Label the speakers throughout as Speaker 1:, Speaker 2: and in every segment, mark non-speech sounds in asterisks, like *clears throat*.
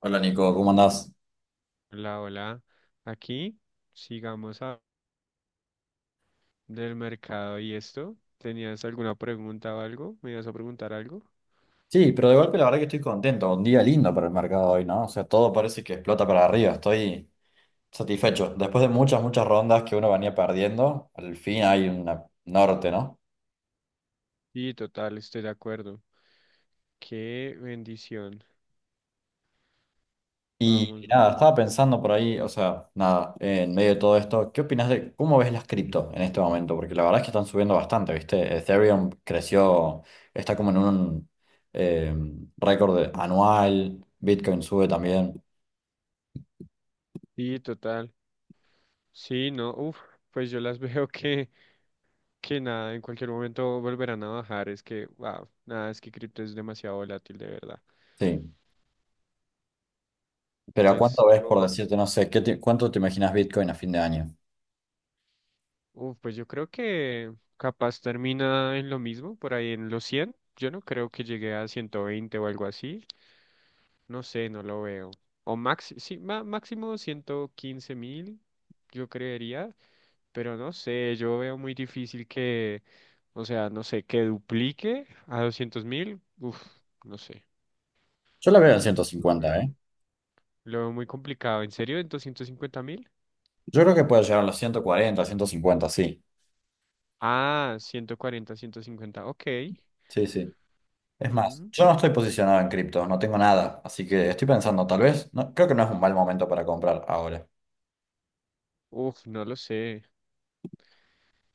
Speaker 1: Hola Nico, ¿cómo andás?
Speaker 2: Hola, hola. Aquí sigamos a del mercado y esto. ¿Tenías alguna pregunta o algo? ¿Me ibas a preguntar algo?
Speaker 1: Sí, pero de golpe la verdad que estoy contento, un día lindo para el mercado hoy, ¿no? O sea, todo parece que explota para arriba, estoy satisfecho. Después de muchas, muchas rondas que uno venía perdiendo, al fin hay un norte, ¿no?
Speaker 2: Sí, total, estoy de acuerdo. Qué bendición.
Speaker 1: Y
Speaker 2: Vamos.
Speaker 1: nada, estaba pensando por ahí, o sea, nada, en medio de todo esto, ¿qué opinas de cómo ves las cripto en este momento? Porque la verdad es que están subiendo bastante, ¿viste? Ethereum creció, está como en un eh, récord anual, Bitcoin sube también,
Speaker 2: Sí, total. Sí, no, uf, pues yo las *laughs* veo que nada, en cualquier momento volverán a bajar. Es que, wow, nada, es que cripto es demasiado volátil, de verdad.
Speaker 1: sí. Pero ¿a cuánto ves, por
Speaker 2: Esto,
Speaker 1: decirte, no sé, cuánto te imaginas Bitcoin a fin de año?
Speaker 2: uf, pues yo creo que capaz termina en lo mismo, por ahí en los 100. Yo no creo que llegue a 120 o algo así. No sé, no lo veo. O máximo, sí, máximo 115 mil, yo creería, pero no sé, yo veo muy difícil que, o sea, no sé, que duplique a 200 mil. Uf, no sé,
Speaker 1: Yo la veo en ciento
Speaker 2: no
Speaker 1: cincuenta
Speaker 2: veo.
Speaker 1: ¿eh?
Speaker 2: Lo veo muy complicado. ¿En serio? ¿En 250 mil?
Speaker 1: Yo creo que puede llegar a los 140, 150, sí.
Speaker 2: Ah, 140, 150, ok.
Speaker 1: Sí, sí. Es más,
Speaker 2: Mm,
Speaker 1: yo no estoy posicionado en cripto, no tengo nada, así que estoy pensando, tal vez, no, creo que no es un mal momento para comprar ahora.
Speaker 2: Uf, no lo sé.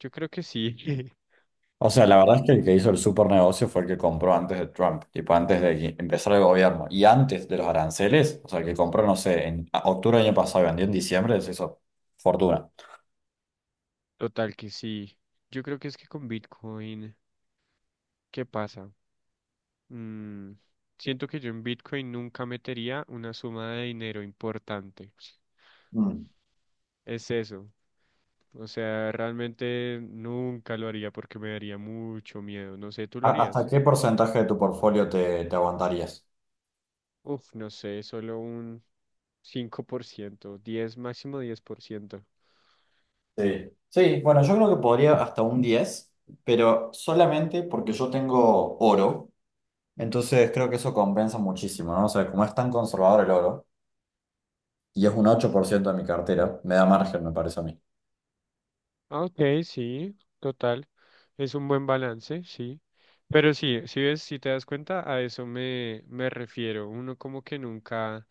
Speaker 2: Yo creo que sí. *laughs*
Speaker 1: O sea, la verdad es que el que hizo el super negocio fue el que compró antes de Trump, tipo antes de que empezara el gobierno y antes de los aranceles, o sea, el que compró, no sé, en octubre del año pasado y vendió en diciembre, se hizo fortuna.
Speaker 2: Total que sí. Yo creo que es que con Bitcoin, ¿qué pasa? Mm, siento que yo en Bitcoin nunca metería una suma de dinero importante.
Speaker 1: Mm.
Speaker 2: Es eso. O sea, realmente nunca lo haría porque me daría mucho miedo. No sé, ¿tú lo
Speaker 1: ¿Hasta
Speaker 2: harías?
Speaker 1: qué porcentaje de tu portfolio te aguantarías?
Speaker 2: Uf, no sé, solo un 5%, 10 máximo 10%.
Speaker 1: Sí. Sí, bueno, yo creo que podría hasta un 10, pero solamente porque yo tengo oro, entonces creo que eso compensa muchísimo, ¿no? O sea, como es tan conservador el oro, y es un 8% de mi cartera, me da margen, me parece a mí.
Speaker 2: Ah, ok, sí, total. Es un buen balance, sí. Pero sí, si ves, si te das cuenta, a eso me refiero. Uno como que nunca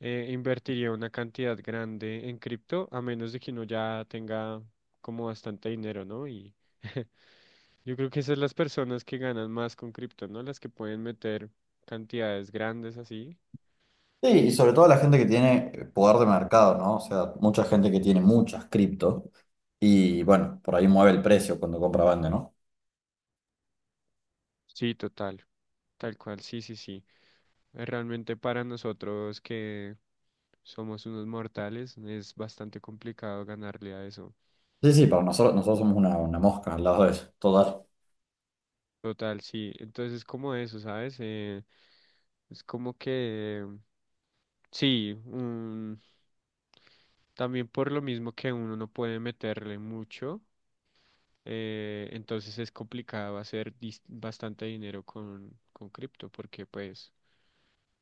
Speaker 2: invertiría una cantidad grande en cripto, a menos de que uno ya tenga como bastante dinero, ¿no? Y *laughs* yo creo que esas las personas que ganan más con cripto, ¿no? Las que pueden meter cantidades grandes así.
Speaker 1: Sí, y sobre todo la gente que tiene poder de
Speaker 2: *clears throat*
Speaker 1: mercado, ¿no? O sea, mucha gente que tiene muchas cripto, y bueno, por ahí mueve el precio cuando compra vende, ¿no?
Speaker 2: Sí, total, tal cual, sí, sí, sí. Realmente para nosotros que somos unos mortales es bastante complicado ganarle a eso.
Speaker 1: Sí, sí, para nosotros, somos una mosca al lado de eso, total.
Speaker 2: Total, sí. Entonces como eso, ¿sabes? Es como que, sí, también por lo mismo que uno no puede meterle mucho, entonces es complicado hacer bastante dinero con, cripto, porque pues,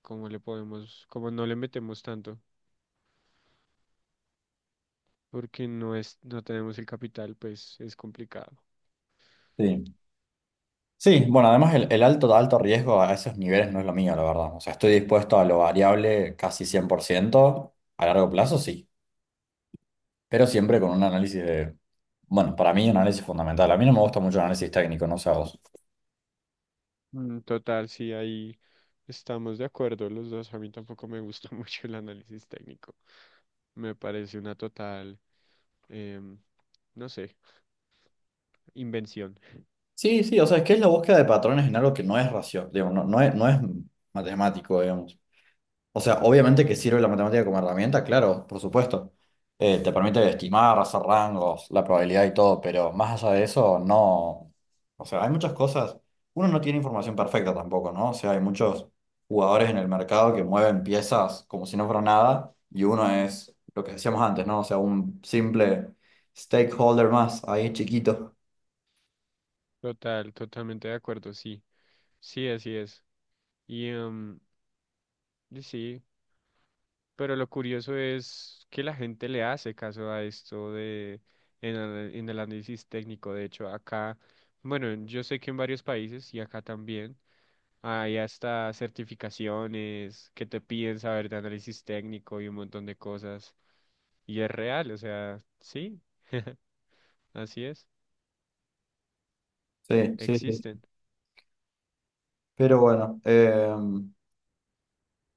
Speaker 2: como le podemos, como no le metemos tanto, porque no es, no tenemos el capital, pues es complicado.
Speaker 1: Sí. Sí, bueno, además el alto riesgo a esos niveles no es lo mío, la verdad. O sea, estoy dispuesto a lo variable casi 100% a largo plazo, sí, pero siempre con un análisis de, bueno, para mí un análisis fundamental. A mí no me gusta mucho el análisis técnico, no sé a vos.
Speaker 2: Total, sí, ahí estamos de acuerdo los dos. A mí tampoco me gusta *laughs* mucho el análisis técnico. Me parece una total, em, no sé, invención.
Speaker 1: Sí, sí, o sea, es que es la búsqueda de patrones en algo que no es racio, digo, no, no es matemático, digamos. O sea, obviamente que sirve la matemática como herramienta, claro, por supuesto. Te permite estimar, hacer rangos, la probabilidad y todo, pero más allá de eso, no. O sea, hay muchas cosas. Uno no tiene información perfecta tampoco, ¿no? O sea, hay muchos jugadores en el mercado que mueven piezas como si no fuera nada, y uno es lo que decíamos antes, ¿no? O sea, un simple stakeholder más, ahí chiquito.
Speaker 2: Total, totalmente de acuerdo, sí. Sí, así es. Y em, y sí, pero lo curioso es que la gente le hace caso a esto de en el análisis técnico. De hecho, acá, bueno, yo sé que en varios países y acá también. Hay hasta certificaciones que te piden saber de análisis técnico y un montón de cosas. Y es real, o sea, sí, *laughs* así es,
Speaker 1: Sí, sí, sí.
Speaker 2: existen.
Speaker 1: Pero bueno,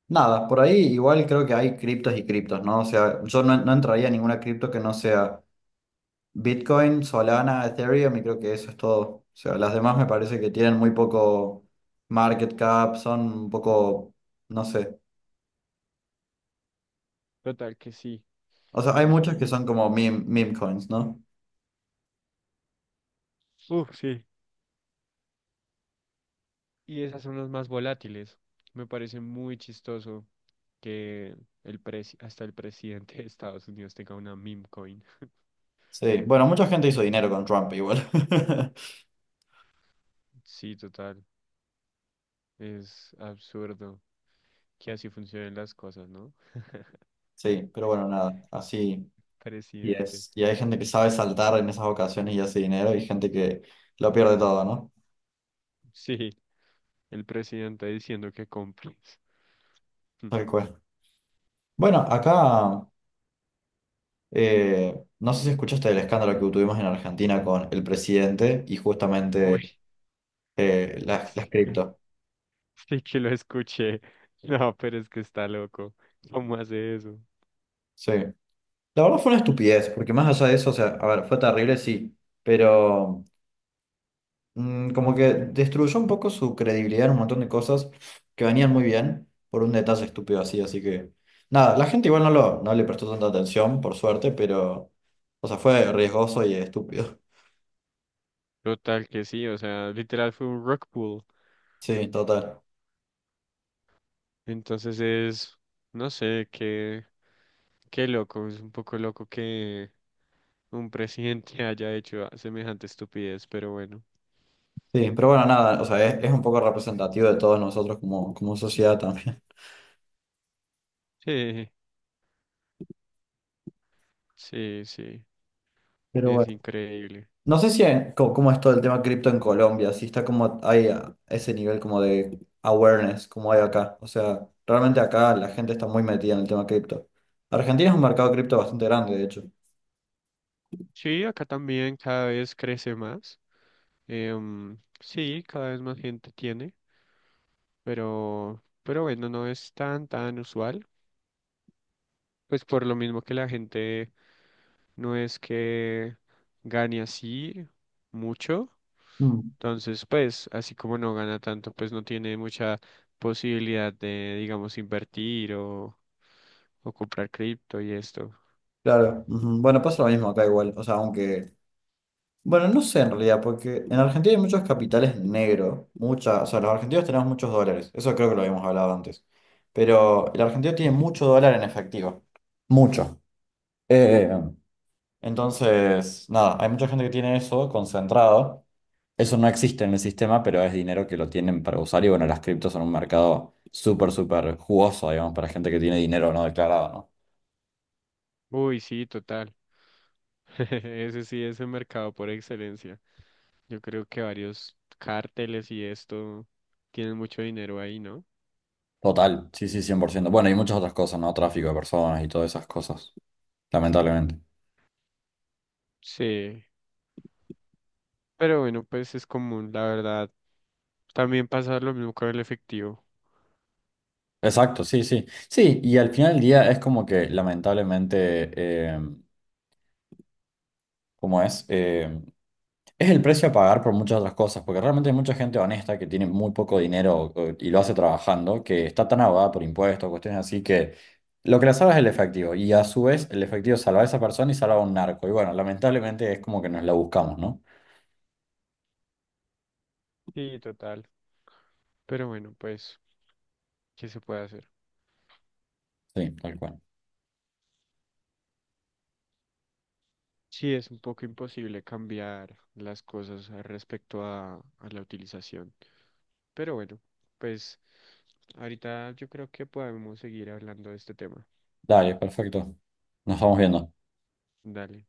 Speaker 1: nada, por ahí igual creo que hay criptos y criptos, ¿no? O sea, yo no entraría a ninguna cripto que no sea Bitcoin, Solana, Ethereum y creo que eso es todo. O sea, las demás me parece que tienen muy poco market cap, son un poco, no sé.
Speaker 2: Total que sí,
Speaker 1: O sea, hay
Speaker 2: es
Speaker 1: muchas que
Speaker 2: muy
Speaker 1: son
Speaker 2: cierto.
Speaker 1: como meme coins, ¿no?
Speaker 2: Uf, sí. Y esas son las más volátiles. Me parece muy chistoso que hasta el presidente de Estados Unidos tenga una meme coin.
Speaker 1: Sí, bueno, mucha gente hizo dinero con Trump igual. *laughs*
Speaker 2: Sí, total, es absurdo que así funcionen las cosas, ¿no?
Speaker 1: Sí, pero bueno, nada, así y
Speaker 2: Presidente.
Speaker 1: es. Y hay gente que sabe saltar en esas ocasiones y hace dinero y gente que lo pierde todo, ¿no?
Speaker 2: Sí. El presidente diciendo que compres. Mm.
Speaker 1: Tal cual. Bueno, no sé si escuchaste el escándalo que tuvimos en Argentina con el presidente y
Speaker 2: Uy,
Speaker 1: justamente las
Speaker 2: *laughs* sí,
Speaker 1: cripto.
Speaker 2: sí que lo escuché. No, pero es que está loco. ¿Cómo hace eso?
Speaker 1: Sí. La verdad fue una estupidez, porque más allá de eso, o sea, a ver, fue terrible, sí, pero como que destruyó un poco su credibilidad en un montón de cosas que venían muy bien por un detalle estúpido, así así que nada, la gente igual no le prestó tanta atención, por suerte, pero, o sea, fue riesgoso y estúpido. *laughs*
Speaker 2: Total que sí, o sea, literal fue un rock pool.
Speaker 1: Sí, total.
Speaker 2: Entonces es, no sé, qué loco, es un poco loco que un presidente *laughs* haya hecho semejante estupidez, pero bueno.
Speaker 1: Sí, pero bueno, nada, o sea, es un poco representativo de todos nosotros como, como sociedad también.
Speaker 2: Sí, sí, sí,
Speaker 1: Pero
Speaker 2: es
Speaker 1: bueno,
Speaker 2: increíble.
Speaker 1: no sé si cómo es todo el tema cripto en Colombia, si está como hay ese nivel como de awareness como hay acá. O sea, realmente acá la gente está muy metida en el tema cripto. Argentina es un mercado cripto bastante grande, de hecho.
Speaker 2: Sí, acá también cada vez crece más. Sí, cada vez más gente tiene. Pero bueno, no es tan, tan usual, pues por lo mismo que la gente no es que gane así mucho,
Speaker 1: Mm,
Speaker 2: entonces pues así como no gana tanto, pues no tiene mucha posibilidad de, digamos, invertir o comprar cripto y esto.
Speaker 1: claro, ujú. Bueno, pasa lo mismo acá igual, o sea, aunque bueno, no sé en realidad, porque en Argentina hay muchos capitales negros, muchas, o sea, los argentinos tenemos muchos dólares, eso creo que lo habíamos hablado antes, pero el argentino tiene mucho dólar en efectivo, mucho. Eh, entonces, nada, hay mucha gente que tiene eso concentrado, eso no existe en el sistema, pero es dinero que lo tienen para usar y bueno, las criptos son un mercado súper, súper jugoso, digamos, para gente que tiene dinero no declarado, ¿no?
Speaker 2: Uy, sí, total. *laughs* Ese sí es el mercado por excelencia. Yo creo que varios cárteles y esto tienen mucho dinero ahí, ¿no?
Speaker 1: Total, sí, sí, 100%. Bueno, y muchas otras cosas, ¿no? Tráfico de personas y todas esas cosas, lamentablemente.
Speaker 2: Sí, pero bueno, pues es común, la verdad. También pasa lo mismo con el efectivo.
Speaker 1: Exacto, sí, sí. Sí, y al final del día es como que lamentablemente, como es, Em, Es el precio a pagar por muchas otras cosas, porque realmente hay mucha gente honesta que tiene muy poco dinero y lo hace trabajando, que está tan ahogada por impuestos, cuestiones así, que lo que le salva es el efectivo. Y a su vez, el efectivo salva a esa persona y salva a un narco. Y bueno, lamentablemente es como que nos la buscamos, ¿no?
Speaker 2: Sí, total. Pero bueno, pues, ¿qué se puede hacer?
Speaker 1: Sí, tal cual.
Speaker 2: Sí, es un poco imposible cambiar las cosas al respecto a la utilización. Pero bueno, pues ahorita yo creo que podemos seguir hablando de este tema.
Speaker 1: Dale, perfecto. Nos vamos viendo.
Speaker 2: Dale.